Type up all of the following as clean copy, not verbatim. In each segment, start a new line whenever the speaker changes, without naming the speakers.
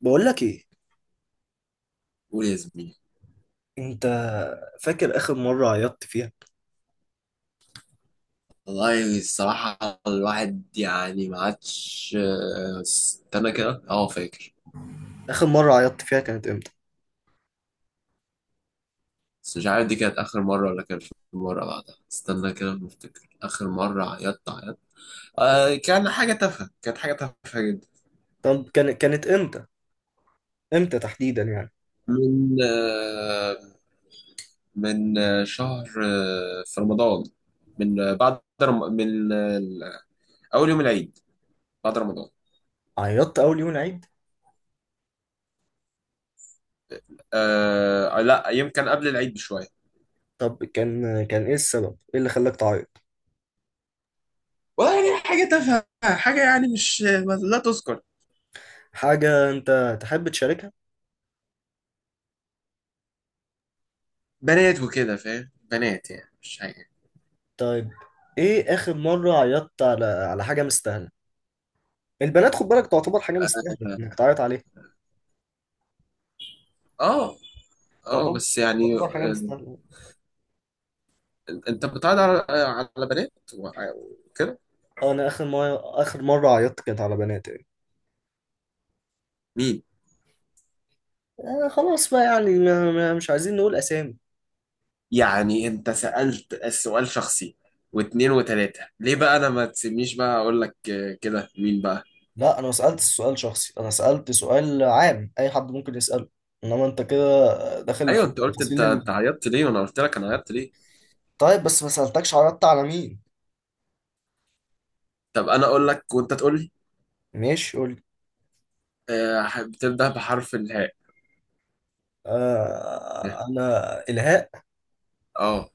بقول لك ايه؟
قول يا زميلي.
انت فاكر اخر مره عيطت فيها؟
والله الصراحة الواحد يعني ما عادش، استنى كده فاكر.
اخر مره عيطت فيها كانت امتى؟
بس مش عارف دي كانت آخر مرة ولا كان في مرة بعدها. استنى كده بفتكر آخر مرة عيطت آه، كان حاجة تافهة، كانت حاجة تافهة جدا.
طب كانت امتى؟ امتى تحديدا يعني؟
من آه من آه، شهر في رمضان. من آه، أول يوم العيد بعد رمضان.
عيطت اول يوم العيد؟
آه لا، يمكن قبل العيد بشوية.
طب كان ايه السبب، ايه اللي خلاك تعيط؟
والله يعني حاجة تافهة، حاجة يعني مش لا تذكر.
حاجه انت تحب تشاركها؟
بنات وكده، فاهم، بنات يعني، مش حاجة.
طيب، ايه اخر مره عيطت على حاجه مستاهله؟ البنات خد بالك تعتبر حاجه مستاهله انك تعيط عليها؟
اه. اه
تعتبر
بس يعني
تعتبر حاجه مستاهله؟
انت بتعرض على، على بنات وع- وكده؟
أه، انا اخر مره عيطت كانت على بنات يعني.
مين؟
آه خلاص بقى يعني مش عايزين نقول اسامي.
يعني انت سألت السؤال شخصي واتنين وتلاتة، ليه بقى انا ما تسيبنيش بقى اقول لك كده مين بقى؟
لا انا ما سالتش سؤال شخصي، انا سالت سؤال عام اي حد ممكن يساله. انما انت كده داخل في
ايوه، انت قلت انت
التفاصيل ال...
انت عيطت ليه وانا قلت لك انا عيطت ليه.
طيب بس ما سالتكش عرضت على مين.
طب انا اقول لك وانت تقول لي.
ماشي قول لي.
بتبدأ بحرف الهاء. اه.
آه انا الهاء.
آه،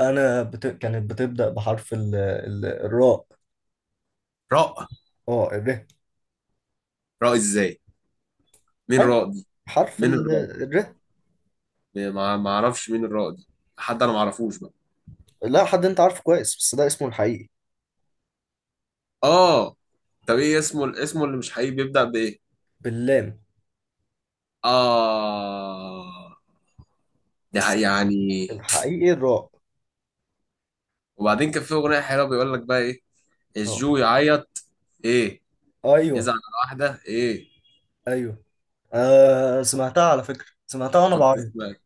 انا كانت بتبدا بحرف الراء.
راء.
اه الره.
راء ازاي؟ مين
ايوه،
راء؟
حرف
مين الرائد؟
الره.
ما اعرفش مين الرائد. حد انا ما اعرفوش بقى.
لا حد انت عارفه كويس بس ده اسمه الحقيقي.
اه. طب ايه اسمه، اسمه اللي مش حقيقي بيبدأ بايه؟
باللام.
اه.
بس
يعني.
الحقيقي الراء.
وبعدين كان في اغنيه حلوه، بيقول لك بقى ايه؟
اه.
الجو يعيط. ايه؟
ايوه.
يزعل على واحده، ايه؟
ايوه. آه سمعتها على فكره، سمعتها وانا
كنت
بعيط.
سمعت،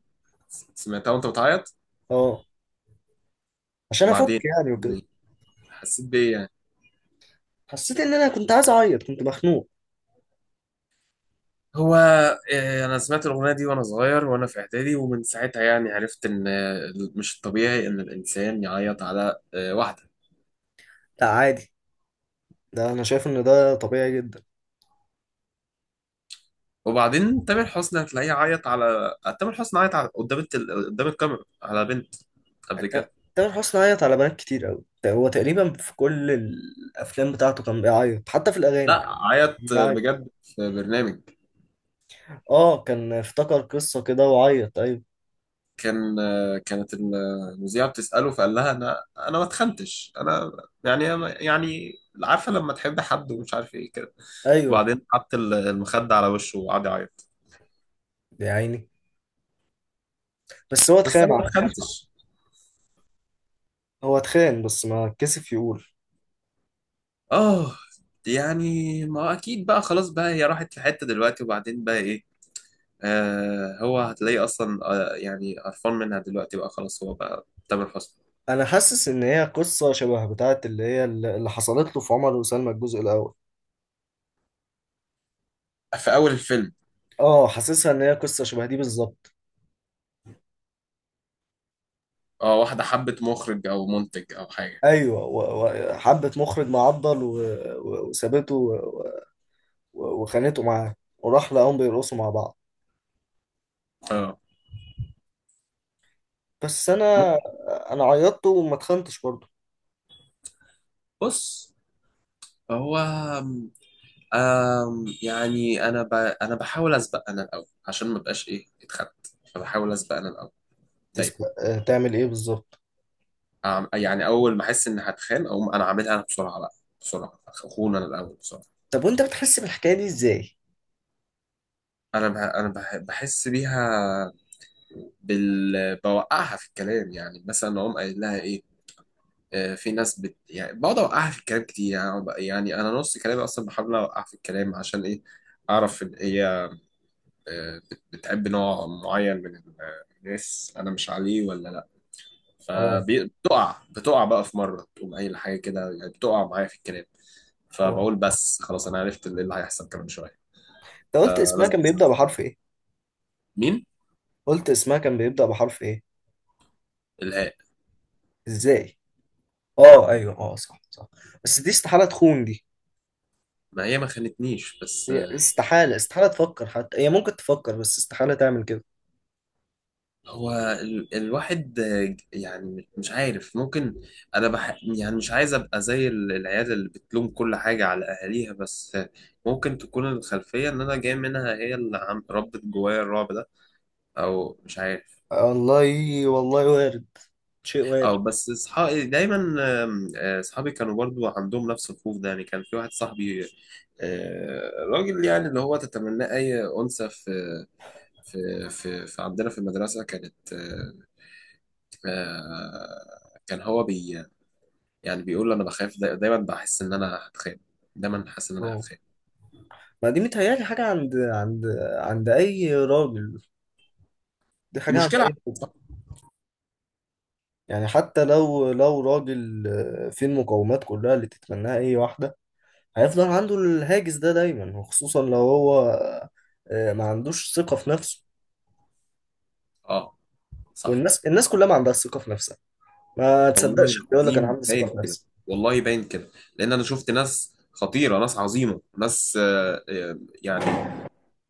سمعتها وانت بتعيط.
اه، عشان افك
وبعدين
يعني وكده.
ب- حسيت بايه يعني؟
حسيت ان انا كنت عايز اعيط، كنت مخنوق.
هو إيه، انا سمعت الاغنيه دي وانا صغير وانا في اعدادي، ومن ساعتها يعني عرفت ان مش الطبيعي ان الانسان يعيط على واحده.
لا عادي، ده انا شايف ان ده طبيعي جدا.
وبعدين تامر حسني هتلاقيه عيط على، تامر حسني عيط على... قدام الكاميرا على بنت قبل كده.
تامر حسني عيط على بنات كتير قوي، هو تقريبا في كل الافلام بتاعته كان بيعيط حتى في الاغاني.
لا،
كان
عيط
بيعيط.
بجد في برنامج.
اه، كان افتكر قصة كده وعيط، ايوه.
كان، كانت المذيعة بتسأله فقال لها انا، انا ما اتخنتش انا. يعني، يعني، عارفة لما تحب حد ومش عارف، ايه كده.
ايوه.
وبعدين حط المخدة على وشه وقعد يعيط.
يا عيني. بس هو
بس
اتخان
انا
على
ما
فكرة.
اتخنتش.
هو اتخان بس ما كسف يقول.
اه يعني ما هو اكيد بقى، خلاص بقى، هي راحت في حتة دلوقتي، وبعدين بقى ايه؟ آه هو هتلاقيه اصلا، آه يعني قرفان منها دلوقتي، بقى خلاص، هو بقى تامر حسني.
انا حاسس ان هي قصة شبه بتاعت اللي هي اللي حصلت له في عمر وسلمى الجزء الاول.
في اول الفيلم.
اه حاسسها ان هي قصة شبه دي بالظبط.
اه، واحده حبت مخرج او منتج او حاجه.
ايوه، وحبت مخرج معضل و وسابته و وخانته معاه، وراح لقاهم بيرقصوا مع بعض.
اه.
بس
م-
انا، انا عيطت وما اتخنتش برضه.
بص، هو يعني انا بحاول اسبق انا الاول عشان ما بقاش ايه، اتخنت. فبحاول اسبق انا الاول. دايما.
تسمع تعمل ايه بالظبط؟
يعني اول ما احس ان هتخان اقوم انا عاملها انا بسرعه بقى. بسرعه، اخون انا الاول بسرعه.
طب وانت بتحس بالحكايه دي ازاي؟
بحس بيها بوقعها في الكلام، يعني مثلا اقوم قايل لها ايه. في ناس يعني بقعد اوقعها في الكلام كتير، يعني يعني انا نص كلامي اصلا بحاول اوقعها في الكلام عشان ايه؟ اعرف ان هي بتحب نوع معين من الناس، انا مش عليه ولا لا.
اه.
فبتقع، بتقع بقى في مره تقوم قايل حاجه كده، يعني بتقع معايا في الكلام.
اه
فبقول بس خلاص، انا عرفت اللي هيحصل كمان شويه،
انت قلت اسمها
فلازم
كان
أسمع.
بيبدا بحرف ايه؟
مين؟
قلت اسمها كان بيبدا بحرف ايه؟
الهاء.
ازاي؟ اه ايوه، اه صح صح. بس دي استحاله تخون دي.
ما هي ما خانتنيش بس.
هي استحاله تفكر، حتى هي ممكن تفكر بس استحاله تعمل كده.
هو الواحد يعني مش عارف، ممكن. يعني مش عايز ابقى زي العيال اللي بتلوم كل حاجة على اهاليها، بس ممكن تكون الخلفية ان انا جاي منها، هي اللي ربت جوايا الرعب ده. او مش عارف.
والله، والله وارد، شيء وارد.
او بس اصحابي دايما، اصحابي كانوا برضو عندهم نفس الخوف ده. يعني كان في واحد صاحبي، راجل يعني اللي هو تتمناه اي انثى في في عندنا في المدرسة، كانت كان هو بي يعني بيقول انا بخاف، دايما بحس ان انا هتخان. دايما حاسس ان انا
اه
هتخان.
ما دي متهيألي حاجة عند أي راجل، دي
دي
حاجة عند
مشكلة.
أي راجل. يعني حتى لو راجل فيه المقومات كلها اللي تتمناها أي واحدة، هيفضل عنده الهاجس ده دايما، وخصوصا لو هو ما عندوش ثقة في نفسه.
اه، صح.
والناس كلها ما عندها ثقة في نفسها. ما
والله
تصدقش اللي يقول لك أنا
العظيم
عندي ثقة
باين
في
كده.
نفسي.
والله باين كده، لان انا شفت ناس خطيره، ناس عظيمه، ناس يعني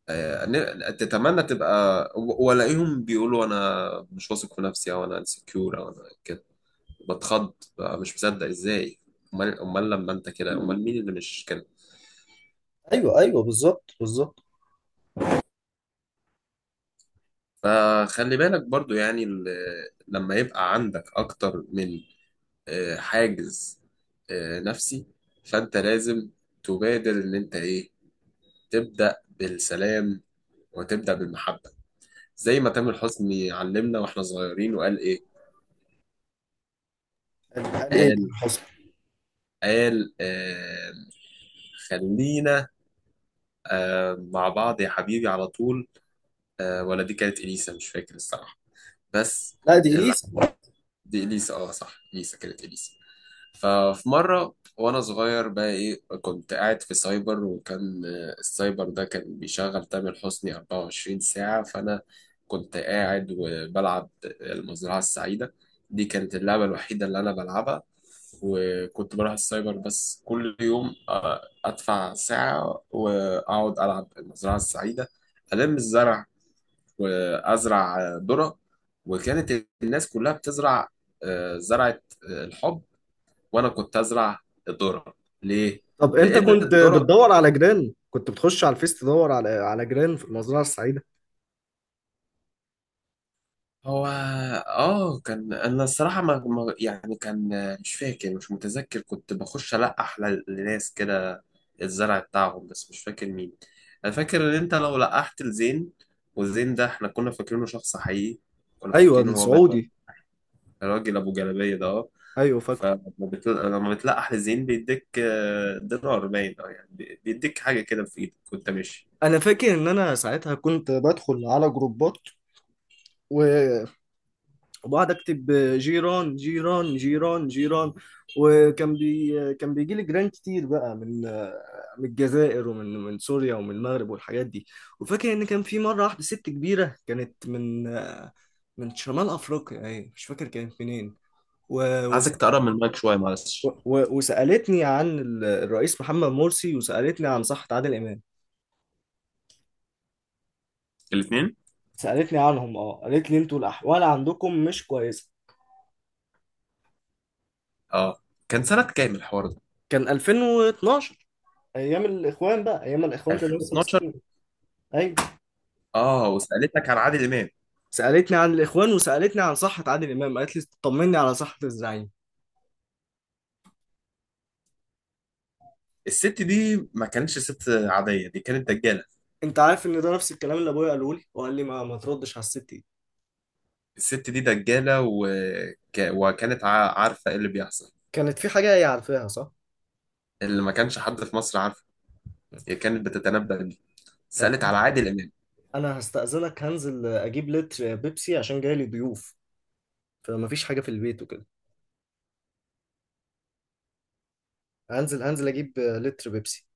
تتمنى تبقى، والاقيهم بيقولوا انا مش واثق في نفسي، او انا انسكيور، او انا كده. بتخض بقى، مش مصدق، ازاي؟ امال، امال لما انت كده، امال مين اللي مش كده؟
أيوه بالظبط
فخلي بالك برضو يعني لما يبقى عندك اكتر من حاجز نفسي، فانت لازم تبادر ان انت ايه، تبدا بالسلام وتبدا بالمحبه، زي ما تامر حسني علمنا واحنا صغيرين، وقال ايه؟
قال إيه ده
قال،
حصل؟
قال آه خلينا آه مع بعض يا حبيبي على طول. آه ولا دي كانت اليسا، مش فاكر الصراحه. بس
لا دي
ال-
إليسا.
دي اليسا، اه صح، اليسا، كانت اليسا. ففي مرة وأنا صغير بقى، إيه، كنت قاعد في سايبر، وكان السايبر ده كان بيشغل تامر حسني 24 ساعة. فأنا كنت قاعد وبلعب المزرعة السعيدة، دي كانت اللعبة الوحيدة اللي أنا بلعبها. وكنت بروح السايبر بس كل يوم أدفع ساعة وأقعد ألعب المزرعة السعيدة. ألم الزرع وأزرع ذرة. وكانت الناس كلها بتزرع زرعة الحب، وانا كنت ازرع الذره. ليه؟
طب أنت
لان
كنت
الذره،
بتدور على جيران، كنت بتخش على الفيس تدور على جيران في المزرعة السعيدة؟
هو اه كان، انا الصراحه ما... ما... يعني كان مش فاكر، مش متذكر. كنت بخش القح لناس كده، الزرع بتاعهم، بس مش فاكر مين. انا فاكر ان انت لو لقحت لزين، والزين ده احنا كنا فاكرينه شخص حقيقي، كنا
ايوه
فاكرينه هو بس
السعودي.
الراجل ابو جلابيه ده. اه.
ايوه فاكره.
لما بتلقح لزين بيديك دينار، باين اه يعني بيديك حاجه كده في ايدك وانت ماشي.
انا فاكر ان انا ساعتها كنت بدخل على جروبات، و- وبقعد اكتب جيران جيران جيران جيران، وكان بي كان بيجي لي جيران كتير بقى من الجزائر، ومن سوريا، ومن المغرب، والحاجات دي. وفاكر ان كان في مره واحده ست كبيره كانت من شمال افريقيا، ايه مش فاكر كانت منين. و... وس-
عايزك تقرب من المايك شويه، معلش.
وسالتني عن الرئيس محمد مرسي، وسالتني عن صحة عادل امام.
الاثنين.
سألتني عنهم اه، قالت لي انتوا الأحوال عندكم مش كويسة.
اه. كان سنة كام الحوار ده؟
كان 2012، أيام الإخوان بقى، أيام الإخوان كانوا لسه
2012.
ماسكين. أيوة.
اه وسألتك عن عادل إمام.
سألتني عن الإخوان، وسألتني عن صحة عادل إمام، قالت لي طمني على صحة الزعيم.
الست دي ما كانتش ست عادية، دي كانت دجالة.
أنت عارف إن ده نفس الكلام اللي أبويا قاله لي، وقال لي ما تردش على الست دي.
الست دي دجالة، وكانت عارفة ايه اللي بيحصل
كانت في حاجة هي عارفاها، صح؟
اللي ما كانش حد في مصر عارفه. هي كانت بتتنبأ بيه.
طب
سألت على عادل إمام.
أنا هستأذنك، هنزل أجيب لتر بيبسي عشان جاي لي ضيوف، فمفيش حاجة في البيت وكده. هنزل أجيب لتر بيبسي.